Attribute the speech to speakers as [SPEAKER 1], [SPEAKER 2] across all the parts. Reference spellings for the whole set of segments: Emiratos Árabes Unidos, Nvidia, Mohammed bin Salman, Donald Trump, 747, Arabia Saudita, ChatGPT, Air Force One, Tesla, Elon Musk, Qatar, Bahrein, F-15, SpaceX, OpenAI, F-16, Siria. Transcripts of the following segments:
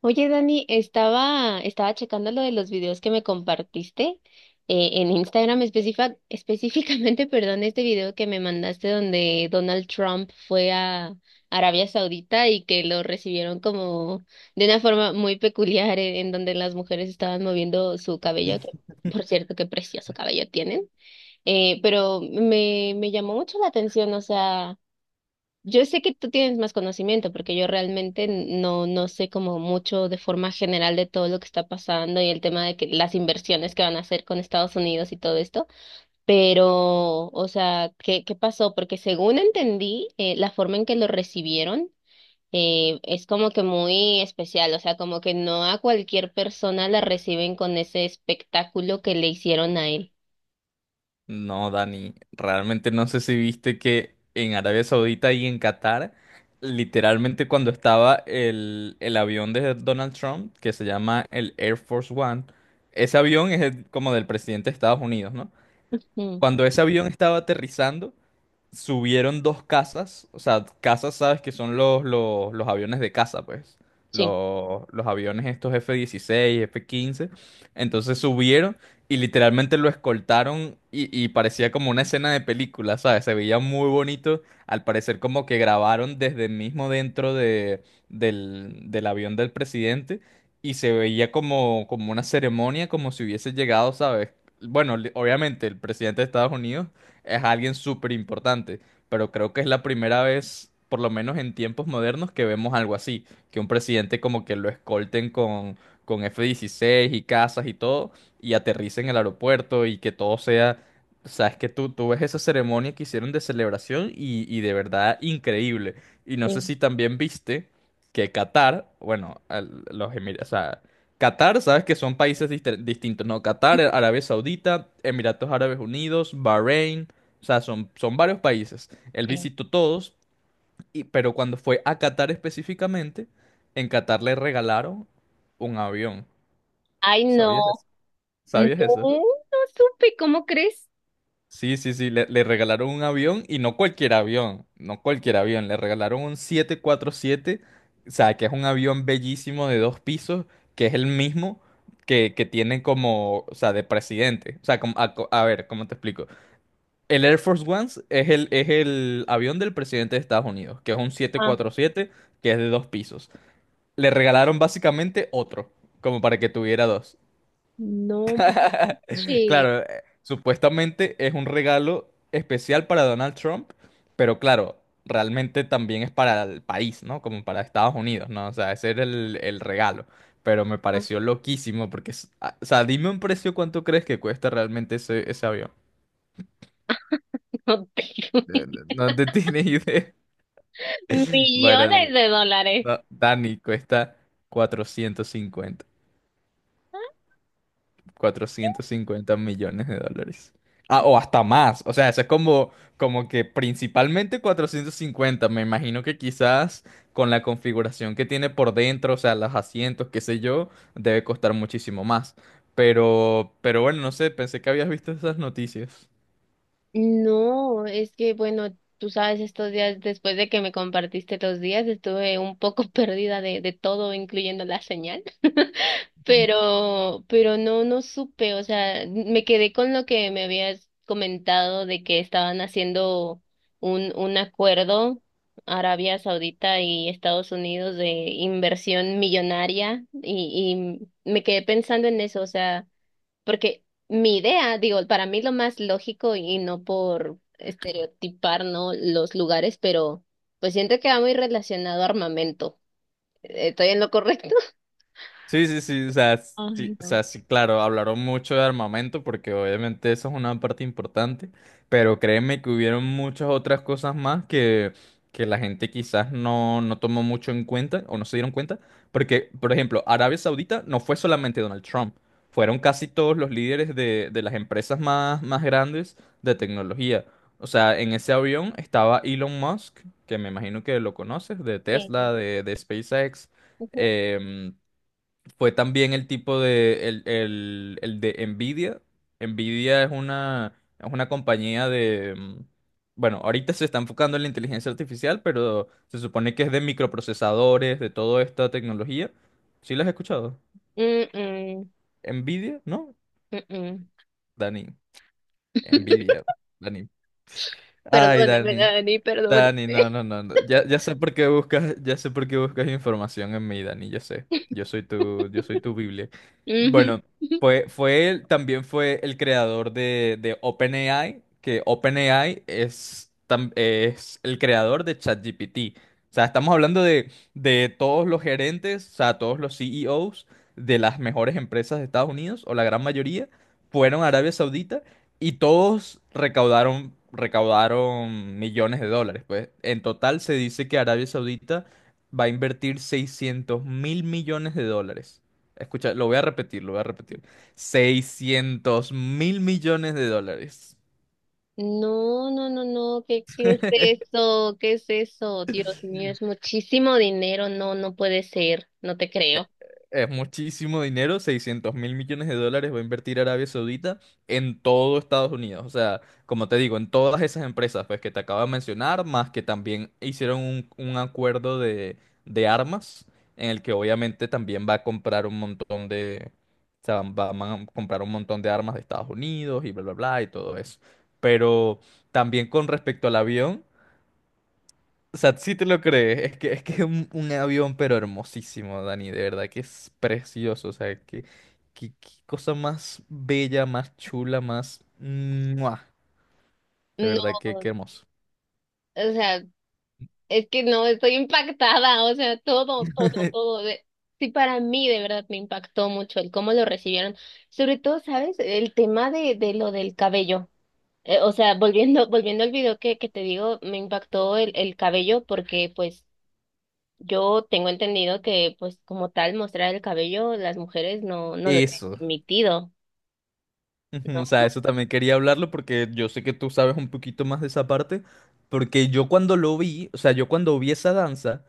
[SPEAKER 1] Oye, Dani, estaba checando lo de los videos que me compartiste en Instagram específicamente, perdón, este video que me mandaste donde Donald Trump fue a Arabia Saudita y que lo recibieron como de una forma muy peculiar en donde las mujeres estaban moviendo su cabello, que por cierto, qué precioso cabello tienen, pero me llamó mucho la atención, o sea... Yo sé que tú tienes más conocimiento porque yo realmente no sé como mucho de forma general de todo lo que está pasando y el tema de que las inversiones que van a hacer con Estados Unidos y todo esto, pero, o sea, qué pasó? Porque según entendí, la forma en que lo recibieron es como que muy especial, o sea, como que no a cualquier persona la reciben con ese espectáculo que le hicieron a él.
[SPEAKER 2] No, Dani, realmente no sé si viste que en Arabia Saudita y en Qatar, literalmente cuando estaba el avión de Donald Trump, que se llama el Air Force One. Ese avión es como del presidente de Estados Unidos, ¿no?
[SPEAKER 1] Mm,
[SPEAKER 2] Cuando ese avión estaba aterrizando, subieron dos casas, o sea, casas, sabes que son los aviones de caza, pues,
[SPEAKER 1] sí.
[SPEAKER 2] los aviones estos F-16, F-15. Entonces subieron y literalmente lo escoltaron y, parecía como una escena de película, ¿sabes? Se veía muy bonito, al parecer como que grabaron desde mismo dentro de, del avión del presidente, y se veía como, como una ceremonia, como si hubiese llegado, ¿sabes? Bueno, obviamente el presidente de Estados Unidos es alguien súper importante, pero creo que es la primera vez, por lo menos en tiempos modernos, que vemos algo así, que un presidente como que lo escolten con F-16 y casas y todo, y aterrice en el aeropuerto y que todo sea... Sabes que tú ves esa ceremonia que hicieron de celebración y, de verdad increíble. Y no sé
[SPEAKER 1] Sí.
[SPEAKER 2] si también viste que Qatar, bueno, los Emiratos, o sea, Qatar, sabes que son países distintos, ¿no? Qatar,
[SPEAKER 1] Ujú.
[SPEAKER 2] Arabia Saudita, Emiratos Árabes Unidos, Bahrein, o sea, son, son varios países. Él
[SPEAKER 1] Sí.
[SPEAKER 2] visitó todos, y, pero cuando fue a Qatar específicamente, en Qatar le regalaron un avión.
[SPEAKER 1] Ay,
[SPEAKER 2] ¿Sabías
[SPEAKER 1] no,
[SPEAKER 2] eso?
[SPEAKER 1] no,
[SPEAKER 2] ¿Sabías eso?
[SPEAKER 1] no supe, ¿cómo crees?
[SPEAKER 2] Sí, sí, sí, le regalaron un avión, y no cualquier avión, no cualquier avión, le regalaron un 747, o sea, que es un avión bellísimo de dos pisos, que es el mismo que, tiene como, o sea, de presidente. O sea, a, a ver, ¿cómo te explico? El Air Force One es el avión del presidente de Estados Unidos, que es un
[SPEAKER 1] Ah,
[SPEAKER 2] 747, que es de dos pisos. Le regalaron básicamente otro, como para que tuviera dos.
[SPEAKER 1] no manches.
[SPEAKER 2] Claro, supuestamente es un regalo especial para Donald Trump, pero claro, realmente también es para el país, ¿no? Como para Estados Unidos, ¿no? O sea, ese era el regalo. Pero me
[SPEAKER 1] Ah,
[SPEAKER 2] pareció loquísimo, porque, o sea, dime un precio, ¿cuánto crees que cuesta realmente ese avión?
[SPEAKER 1] no tengo.
[SPEAKER 2] No te tienes idea. Bueno,
[SPEAKER 1] Millones de dólares.
[SPEAKER 2] Dani, cuesta 450, 450 millones de dólares. Ah, o hasta más. O sea, eso es como, como que principalmente 450. Me imagino que quizás con la configuración que tiene por dentro, o sea, los asientos, qué sé yo, debe costar muchísimo más. Pero bueno, no sé, pensé que habías visto esas noticias.
[SPEAKER 1] No, es que bueno, tú sabes, estos días, después de que me compartiste los días, estuve un poco perdida de todo, incluyendo la señal. Pero no, no supe, o sea, me quedé con lo que me habías comentado de que estaban haciendo un acuerdo Arabia Saudita y Estados Unidos de inversión millonaria y me quedé pensando en eso, o sea, porque mi idea, digo, para mí lo más lógico y no por estereotipar, ¿no? Los lugares, pero pues siento que va muy relacionado a armamento. ¿Estoy en lo correcto?
[SPEAKER 2] Sí, sí, sí, o sea,
[SPEAKER 1] Ay,
[SPEAKER 2] sí, o
[SPEAKER 1] no.
[SPEAKER 2] sea, sí, claro, hablaron mucho de armamento porque obviamente eso es una parte importante, pero créeme que hubieron muchas otras cosas más que, la gente quizás no tomó mucho en cuenta o no se dieron cuenta, porque, por ejemplo, Arabia Saudita no fue solamente Donald Trump, fueron casi todos los líderes de las empresas más, más grandes de tecnología. O sea, en ese avión estaba Elon Musk, que me imagino que lo conoces, de
[SPEAKER 1] Sí,
[SPEAKER 2] Tesla, de SpaceX.
[SPEAKER 1] sí.
[SPEAKER 2] em, Fue también el tipo de, el, el de Nvidia. Nvidia es una compañía de, bueno, ahorita se está enfocando en la inteligencia artificial, pero se supone que es de microprocesadores, de toda esta tecnología. ¿Sí las has escuchado?
[SPEAKER 1] Mm-mm,
[SPEAKER 2] Nvidia, ¿no?
[SPEAKER 1] mm-mm.
[SPEAKER 2] Dani, Nvidia, Dani. Ay,
[SPEAKER 1] Perdóname,
[SPEAKER 2] Dani.
[SPEAKER 1] Dani, perdóname.
[SPEAKER 2] Dani, no, no, no, no. Ya, ya sé por qué buscas, ya sé por qué buscas información en mí, Dani, yo sé. Yo soy tu Biblia.
[SPEAKER 1] Ujú.
[SPEAKER 2] Bueno, fue él, también fue el creador de OpenAI, que OpenAI es el creador de ChatGPT. O sea, estamos hablando de todos los gerentes, o sea, todos los CEOs de las mejores empresas de Estados Unidos, o la gran mayoría, fueron a Arabia Saudita, y todos recaudaron millones de dólares, pues. En total se dice que Arabia Saudita va a invertir 600 mil millones de dólares. Escucha, lo voy a repetir, lo voy a repetir. 600 mil millones de dólares.
[SPEAKER 1] No, no, no, no, qué es eso? ¿Qué es eso? Dios mío, es muchísimo dinero, no, no puede ser, no te creo.
[SPEAKER 2] Es muchísimo dinero, 600.000 millones de dólares va a invertir Arabia Saudita en todo Estados Unidos. O sea, como te digo, en todas esas empresas pues, que te acabo de mencionar, más que también hicieron un acuerdo de armas, en el que obviamente también va a comprar un montón de, o sea, van a comprar un montón de armas de Estados Unidos y bla, bla, bla, y todo eso. Pero también con respecto al avión. O sea, sí te lo crees. Es que es que es un avión, pero hermosísimo, Dani. De verdad que es precioso. O sea, que qué, qué cosa más bella, más chula, más... ¡Mua! De verdad
[SPEAKER 1] No,
[SPEAKER 2] que qué hermoso.
[SPEAKER 1] o sea, es que no, estoy impactada, o sea, todo, todo, todo. Sí, para mí de verdad me impactó mucho el cómo lo recibieron. Sobre todo, ¿sabes? El tema de lo del cabello. O sea, volviendo al video que te digo, me impactó el cabello porque pues yo tengo entendido que pues como tal mostrar el cabello las mujeres no, no lo tienen
[SPEAKER 2] Eso.
[SPEAKER 1] permitido,
[SPEAKER 2] Ujú, o sea,
[SPEAKER 1] ¿no?
[SPEAKER 2] eso también quería hablarlo porque yo sé que tú sabes un poquito más de esa parte. Porque yo cuando lo vi, o sea, yo cuando vi esa danza.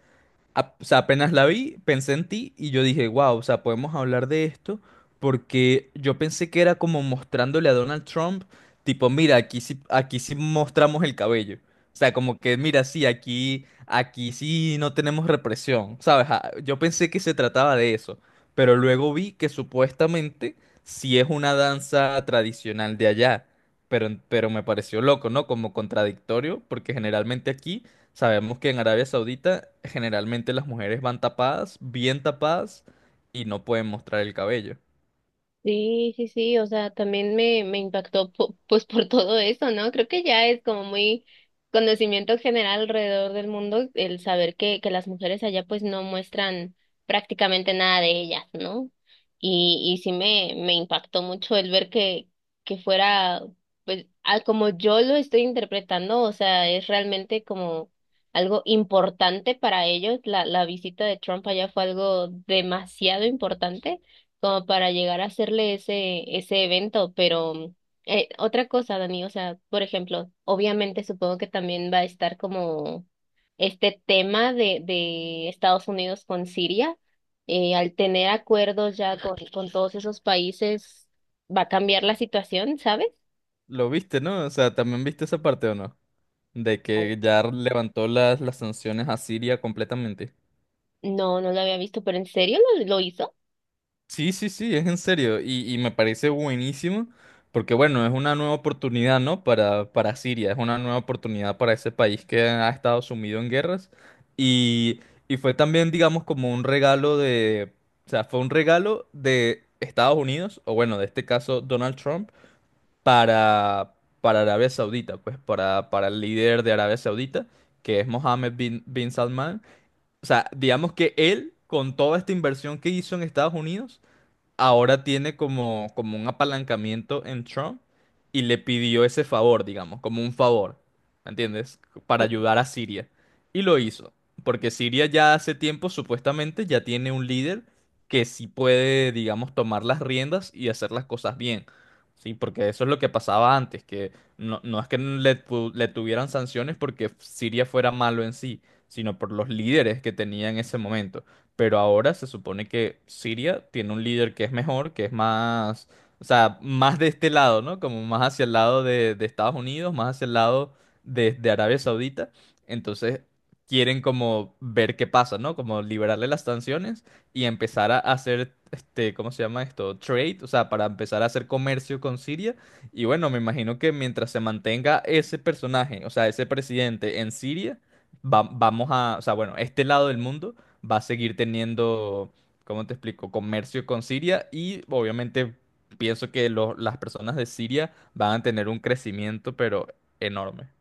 [SPEAKER 2] O sea, apenas la vi, pensé en ti y yo dije, wow, o sea, podemos hablar de esto porque yo pensé que era como mostrándole a Donald Trump, tipo, mira, aquí sí mostramos el cabello. O sea, como que, mira, sí, aquí, aquí sí no tenemos represión, ¿sabes? Ah, yo pensé que se trataba de eso, pero luego vi que supuestamente sí es una danza tradicional de allá. Pero me pareció loco, ¿no? Como contradictorio, porque generalmente aquí sabemos que en Arabia Saudita generalmente las mujeres van tapadas, bien tapadas, y no pueden mostrar el cabello.
[SPEAKER 1] Sí, sí, sí, o sea, también me impactó pues por todo eso, ¿no? Creo que ya es como muy conocimiento general alrededor del mundo el saber que las mujeres allá pues no muestran prácticamente nada de ellas, ¿no? Y sí me impactó mucho el ver que fuera, pues, a como yo lo estoy interpretando, o sea, es realmente como algo importante para ellos. La visita de Trump allá fue algo demasiado importante como para llegar a hacerle ese, ese evento, pero otra cosa, Dani, o sea, por ejemplo, obviamente supongo que también va a estar como este tema de Estados Unidos con Siria, al tener acuerdos ya con todos esos países, ¿va a cambiar la situación, sabes?
[SPEAKER 2] Lo viste, ¿no? O sea, ¿también viste esa parte o no? De que ya levantó las sanciones a Siria completamente.
[SPEAKER 1] No, no lo había visto, pero ¿en serio lo hizo?
[SPEAKER 2] Sí, sí, sí, es en serio. Y, me parece buenísimo porque, bueno, es una nueva oportunidad, ¿no? Para Siria, es una nueva oportunidad para ese país que ha estado sumido en guerras. Y, fue también, digamos, como un regalo de, o sea, fue un regalo de Estados Unidos, o bueno, de este caso Donald Trump, para, para Arabia Saudita, pues para el líder de Arabia Saudita, que es Mohammed bin, bin Salman. O sea, digamos que él, con toda esta inversión que hizo en Estados Unidos, ahora tiene como, como un apalancamiento en Trump, y le pidió ese favor, digamos, como un favor, ¿me entiendes? Para ayudar a Siria. Y lo hizo, porque Siria ya hace tiempo supuestamente ya tiene un líder que sí puede, digamos, tomar las riendas y hacer las cosas bien. Sí, porque eso es lo que pasaba antes, que no, no es que le, le tuvieran sanciones porque Siria fuera malo en sí, sino por los líderes que tenía en ese momento. Pero ahora se supone que Siria tiene un líder que es mejor, que es más, o sea, más de este lado, ¿no? Como más hacia el lado de Estados Unidos, más hacia el lado de Arabia Saudita. Entonces quieren como ver qué pasa, ¿no? Como liberarle las sanciones y empezar a hacer, este, ¿cómo se llama esto? Trade, o sea, para empezar a hacer comercio con Siria. Y bueno, me imagino que mientras se mantenga ese personaje, o sea, ese presidente en Siria, vamos a, o sea, bueno, este lado del mundo va a seguir teniendo, ¿cómo te explico?, comercio con Siria y obviamente pienso que las personas de Siria van a tener un crecimiento, pero enorme.